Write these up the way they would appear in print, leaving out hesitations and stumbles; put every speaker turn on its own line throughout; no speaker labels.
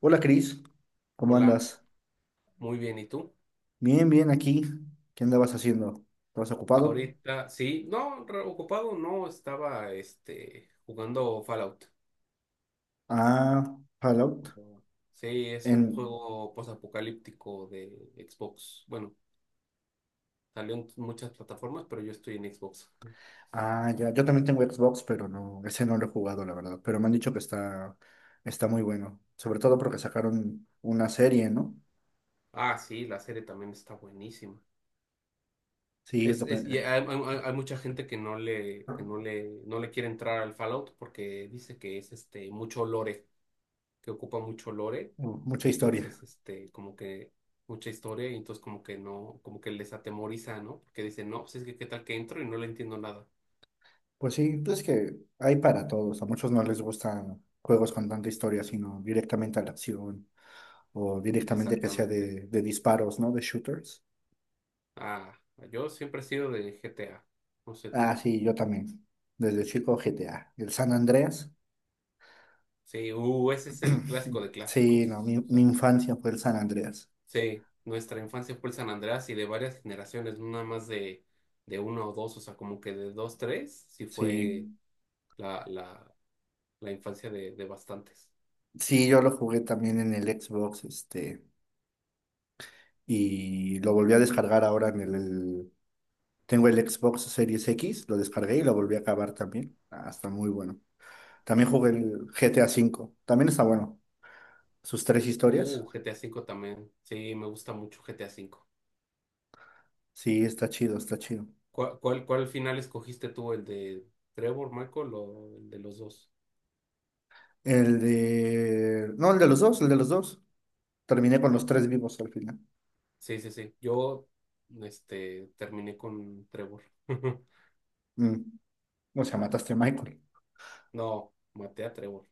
Hola Cris, ¿cómo
Hola,
andas?
muy bien, ¿y tú?
Bien aquí. ¿Qué andabas haciendo? ¿Estabas ocupado?
Ahorita, sí, no, ocupado no, estaba jugando Fallout.
Ah, Fallout.
Sí, es un
En...
juego posapocalíptico de Xbox. Bueno, salió en muchas plataformas, pero yo estoy en Xbox.
Ah, ya, yo también tengo Xbox, pero no, ese no lo he jugado, la verdad. Pero me han dicho que está muy bueno. Sobre todo porque sacaron una serie, ¿no?
Ah, sí, la serie también está buenísima.
Sí, es lo que...
Y hay, hay mucha gente que no le quiere entrar al Fallout porque dice que es mucho lore. Que ocupa mucho lore,
Mucha
y
historia.
entonces como que mucha historia y entonces como que no, como que les atemoriza, ¿no? Porque dicen, no, pues es que qué tal que entro y no le entiendo nada.
Pues sí, pues es que hay para todos. A muchos no les gustan juegos con tanta historia, sino directamente a la acción o directamente que sea
Exactamente.
de disparos, ¿no? De shooters.
Ah, yo siempre he sido de G T A no sé
Ah,
tú.
sí, yo también. Desde chico GTA. El San Andreas.
Sí, ese es el clásico de
Sí, no,
clásicos.
mi,
O
mi
sea,
infancia fue el San Andreas.
sí, nuestra infancia fue el San Andreas y de varias generaciones, no nada más de uno o dos, o sea, como que de dos, tres, sí fue
Sí,
la, la, la infancia de bastantes.
sí, yo lo jugué también en el Xbox, este, y lo volví a descargar ahora en el. Tengo el Xbox Series X, lo descargué y lo volví a acabar también. Ah, está muy bueno. También jugué el GTA cinco, también está bueno. Sus tres historias.
GTA V también. Sí, me gusta mucho GTA V.
Sí, está chido, está chido.
Cuál final escogiste tú? ¿El de Trevor, Michael o el de los dos?
El de... No, el de los dos, el de los dos. Terminé con los
Ajá.
tres vivos al final.
Sí, sí, sí. Terminé con Trevor.
Mm. O sea, mataste a Michael.
No, maté a Trevor.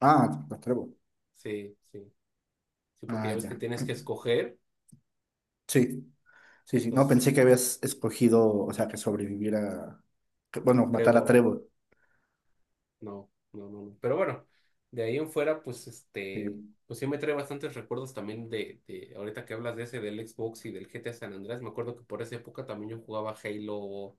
Ah, a Trevor.
Sí, sí. Sí, porque ya
Ah,
ves que
ya.
tienes que escoger.
Sí, sí, sí. No,
Entonces,
pensé que habías escogido, o sea, que sobreviviera, que, bueno, matar a
Trevor.
Trevor.
No, no, no, no. Pero bueno, de ahí en fuera,
Sí.
pues sí me trae bastantes recuerdos también de ahorita que hablas de ese del Xbox y del GTA San Andreas. Me acuerdo que por esa época también yo jugaba Halo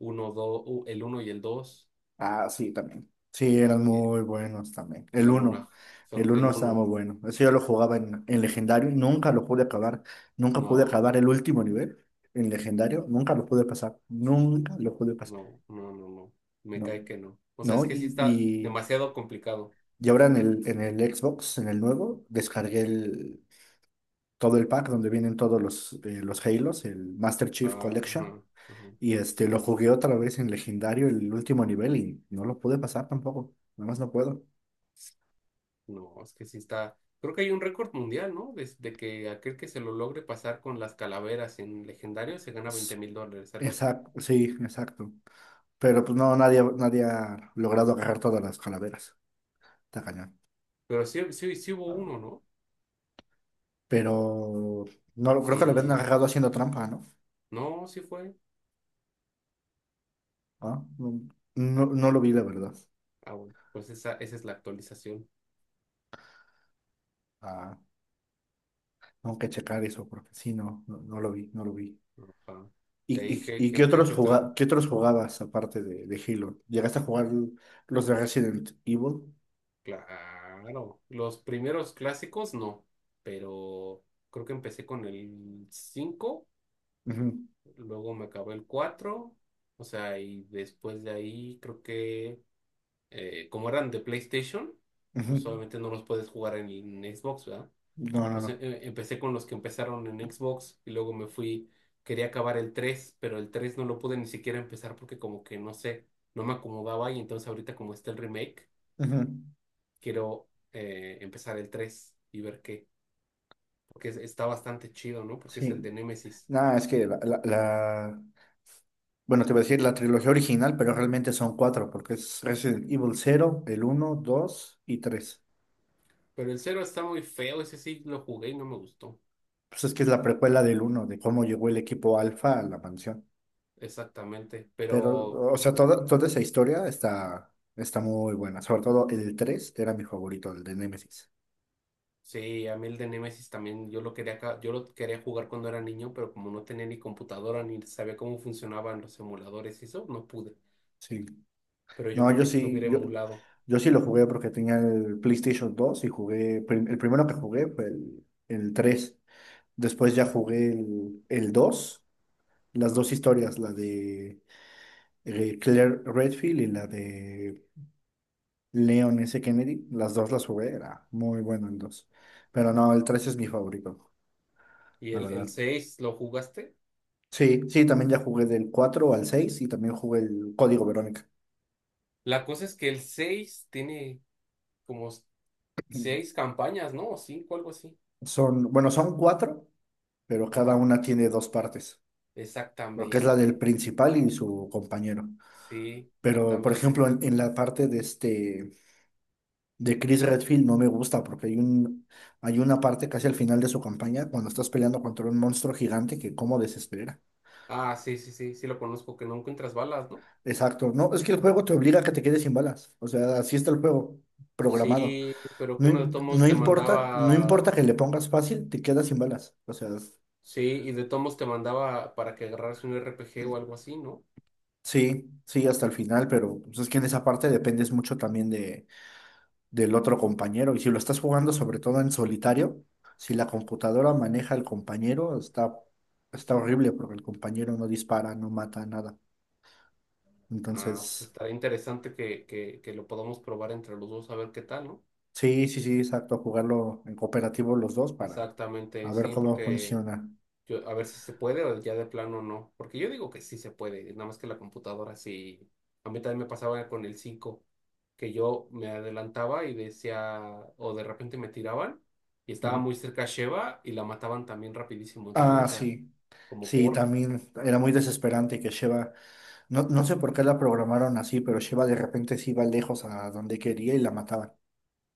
uno dos el uno y el dos,
Ah, sí, también. Sí, eran
que
muy buenos también. El
son
uno.
una, son
El
el
uno estaba muy
uno.
bueno. Eso yo lo jugaba en legendario y nunca lo pude acabar. Nunca pude
No,
acabar el último nivel en legendario. Nunca lo pude pasar. Nunca lo pude pasar.
no, no, no, no. Me
No.
cae que no. O sea,
No,
es que sí está demasiado complicado.
y ahora en el Xbox, en el nuevo, descargué todo el pack donde vienen todos los Halos, el Master Chief
Ah,
Collection.
ajá, ajá.
Y este, lo jugué otra vez en legendario el último nivel y no lo pude pasar tampoco. Nada más no puedo.
No, es que sí está. Creo que hay un récord mundial, ¿no? Desde que aquel que se lo logre pasar con las calaveras en legendario se gana $20,000, algo así.
Exacto, sí, exacto. Pero pues no, nadie ha logrado agarrar todas las calaveras. Está cañón.
Pero sí, sí, sí hubo uno, ¿no?
Pero no lo- creo que lo habían
Sí.
agarrado haciendo trampa, ¿no?
No, sí fue.
Ah, no, no lo vi, la verdad.
Ah, bueno, pues esa es la actualización.
Ah, tengo que checar eso porque sí, no lo vi, no lo vi.
Ajá. De
¿Y,
ahí
y- y qué
qué otra.
qué otros jugabas aparte de Halo? ¿Llegaste a jugar los de Resident Evil?
Claro. Los primeros clásicos, no. Pero creo que empecé con el cinco,
Ujú,
luego me acabó el cuatro. O sea, y después de ahí creo que, como eran de PlayStation,
ujú.
pues obviamente no los puedes jugar en Xbox, ¿verdad?
No, no,
O sea,
no.
empecé con los que empezaron en Xbox y luego me fui, quería acabar el tres, pero el 3 no lo pude ni siquiera empezar porque como que no sé, no me acomodaba, y entonces ahorita como está el remake,
Ujú,
quiero empezar el 3 y ver qué, porque está bastante chido, ¿no? Porque es el
sí.
de Nemesis.
Nada, es que la... Bueno, te iba a decir la trilogía original, pero realmente son cuatro, porque es Resident Evil cero el uno 2 y tres.
Pero el cero está muy feo, ese sí lo jugué y no me gustó.
Pues es que es la precuela del uno de cómo llegó el equipo Alfa a la mansión.
Exactamente,
Pero,
pero
o sea, toda esa historia está muy buena. Sobre todo el 3 era mi favorito, el de Nemesis.
sí, a mí el de Nemesis también, yo lo quería, yo lo quería jugar cuando era niño, pero como no tenía ni computadora ni sabía cómo funcionaban los emuladores y eso, no pude.
Sí.
Pero yo
No,
creo que sí lo hubiera emulado.
yo sí lo jugué porque tenía el PlayStation dos y jugué, el primero que jugué fue el tres. Después ya jugué el dos, las
Ajá.
dos historias, la de Claire Redfield y la de Leon S. Kennedy. Las dos las jugué, era muy bueno el dos. Pero no, el 3 es mi favorito,
¿Y
la
el
verdad.
seis lo jugaste?
Sí, sí, también ya jugué del 4 al 6 y también jugué el Código Verónica.
La cosa es que el 6 tiene como seis campañas, ¿no? O cinco, algo así.
Son, bueno, son cuatro, pero cada
Ajá,
una tiene dos partes, porque es la del
exactamente.
principal y su compañero.
Sí,
Pero, por
exactamente.
ejemplo, en la parte de este, de Chris Redfield no me gusta porque hay una parte casi al final de su campaña cuando estás peleando contra un monstruo gigante que cómo desespera.
Ah, sí, sí, sí, sí lo conozco, que no encuentras balas, ¿no?
Exacto, no, es que el juego te obliga a que te quedes sin balas. O sea, así está el juego programado.
Sí, pero que
No,
uno de todos modos
no
te
importa, no importa
mandaba.
que le pongas fácil, te quedas sin balas. O sea,
Sí, y de tomos te mandaba para que agarraras un RPG o algo así, ¿no?
sí, sí hasta el final, pero pues, es que en esa parte dependes mucho también de del otro compañero. Y si lo estás jugando sobre todo en solitario, si la computadora maneja al compañero, está horrible porque el compañero no dispara, no mata, nada.
Ah, pues
Entonces,
estará interesante que que lo podamos probar entre los dos a ver qué tal, ¿no?
sí, sí, sí, exacto, jugarlo en cooperativo los dos para a
Exactamente,
ver
sí,
cómo
porque
funciona.
yo, a ver si se puede o ya de plano no. Porque yo digo que sí se puede, nada más que la computadora sí. A mí también me pasaba con el cinco, que yo me adelantaba y decía, o de repente me tiraban y estaba
Ujú.
muy cerca Sheva y la mataban también rapidísimo. Entonces yo
Ah,
decía,
sí.
como
Sí,
por.
también era muy desesperante que no, no sé por qué la programaron así, pero Sheva de repente se iba lejos a donde quería y la mataban.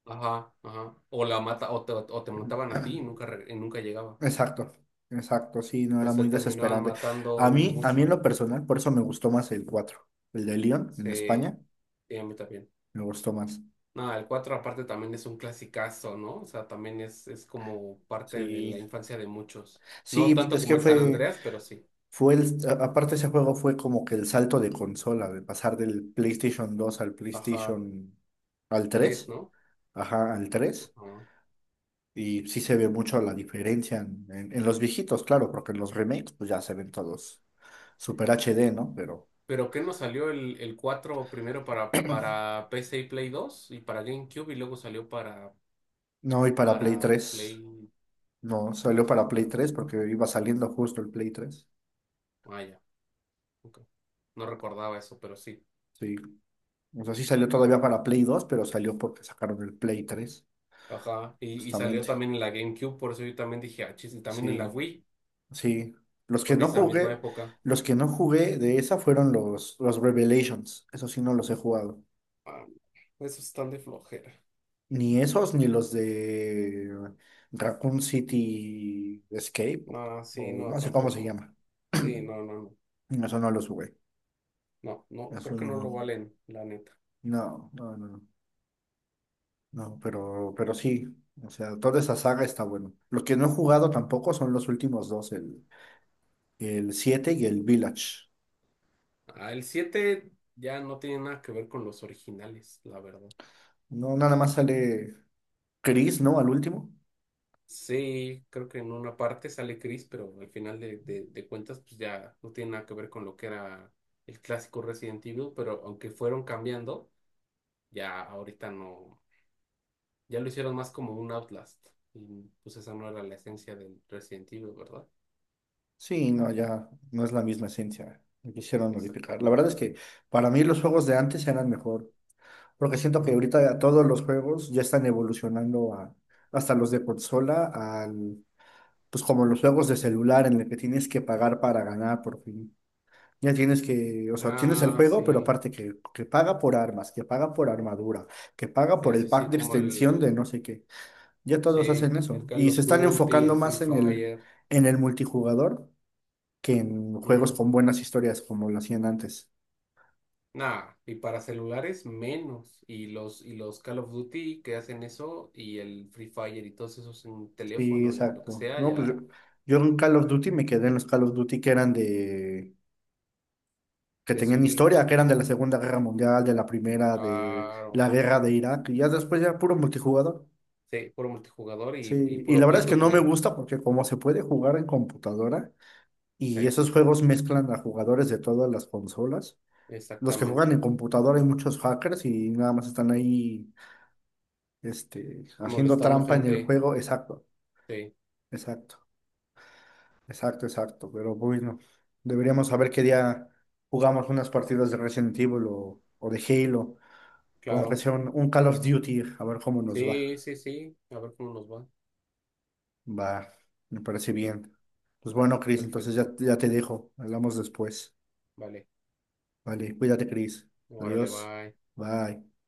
Ajá, ajá. O la mata, o te mataban a ti y nunca, y nunca llegaba.
Exacto, exacto, sí, no era muy
Entonces terminaban
desesperante.
matando
A mí en
mucho.
lo personal, por eso me gustó más el 4, el de León en
Sí,
España,
sí, a mí también.
me gustó más.
Nada, el 4 aparte también es un clasicazo, ¿no? O sea, también es como parte de
Sí,
la infancia de muchos. No
sí, pues,
tanto como el San Andreas, pero sí.
fue el. Aparte ese juego fue como que el salto de consola, de pasar del PlayStation dos al
Ajá,
PlayStation, al
3
3,
¿no?
ajá, al 3.
Ajá.
Y sí se ve mucho la diferencia en los viejitos, claro, porque en los remakes pues ya se ven todos super HD, ¿no? Pero
¿Pero qué nos salió el 4 primero para PC y Play 2 y para GameCube y luego salió
no, y para Play
para
3.
Play...
No, salió
Salió
para Play
para...
3 porque iba saliendo justo el Play tres.
Ah, ya. Ok. No recordaba eso, pero sí.
Sí. O sea, sí salió todavía para Play 2, pero salió porque sacaron el Play 3
Ajá. Y salió
justamente.
también en la GameCube, por eso yo también dije, ah, chis, y también en
Sí,
la Wii,
sí. Los que
fue en
no
esa misma
jugué,
época.
los que no jugué de esa fueron los Revelations. Eso sí no los he jugado.
Ah, esos están de flojera.
Ni esos, ni los de Raccoon City Escape,
No, sí,
o
no,
no sé cómo se
tampoco.
llama.
Sí, no, no, no.
No, eso no los jugué.
No, no, creo
Eso
que no lo
no.
valen, la neta.
No, no, no. No, pero sí, o sea, toda esa saga está bueno. Los que no he jugado tampoco son los últimos dos, el 7 y el Village.
Ah, el 7 ya no tiene nada que ver con los originales, la verdad.
No, nada más sale Chris, ¿no? Al último.
Sí, creo que en una parte sale Chris, pero al final de cuentas, pues ya no tiene nada que ver con lo que era el clásico Resident Evil, pero aunque fueron cambiando. Ya ahorita no, ya lo hicieron más como un Outlast. Y pues esa no era la esencia del Resident Evil, ¿verdad?
Sí, no, ya no es la misma esencia. Me quisieron modificar. La verdad
Exactamente.
es que para mí los juegos de antes eran mejor, porque siento que
Ujú.
ahorita ya todos los juegos ya están evolucionando a, hasta los de consola, al, pues como los juegos de celular en el que tienes que pagar para ganar por fin. Ya tienes que, o sea, tienes el
Ah,
juego, pero
sí.
aparte que paga por armas, que paga por armadura, que paga por
Sí,
el
sí,
pack
sí,
de
como
extensión de
el,
no sé qué. Ya todos
sí,
hacen
el
eso.
Call
Y se
of
están
Duty,
enfocando
el Free
más en
Fire.
en el multijugador que en juegos
Ujú.
con buenas historias como lo hacían antes.
Nah, y para celulares menos. Y los Call of Duty que hacen eso, y el Free Fire y todos esos en
Sí,
teléfono y lo que
exacto.
sea,
No,
ya
yo en Call of Duty me quedé en los Call of Duty que eran de, que
de
tenían
subir,
historia, que eran de la Segunda Guerra Mundial, de la Primera, de la
claro.
guerra de Irak, y ya después ya puro multijugador.
Sí, puro multijugador y
Sí, y la
puro
verdad
pay
es que
to
no me
win.
gusta porque como se puede jugar en computadora
Sí.
y esos juegos mezclan a jugadores de todas las consolas, los que juegan en
Exactamente.
computadora hay muchos hackers y nada más están ahí haciendo
Molestando
trampa en el
gente.
juego. Exacto,
Sí,
exacto, exacto, exacto. Pero bueno, deberíamos saber qué día jugamos unas partidas de Resident Evil o de Halo, o aunque
claro.
sea un Call of Duty, a ver cómo nos va.
Sí, sí, sí. A ver cómo nos va.
Va, me parece bien. Pues
Ah,
bueno, Chris, entonces ya,
perfecto.
ya te dejo, hablamos después.
Vale.
Vale, cuídate, Cris.
Órale,
Adiós.
bye.
Bye.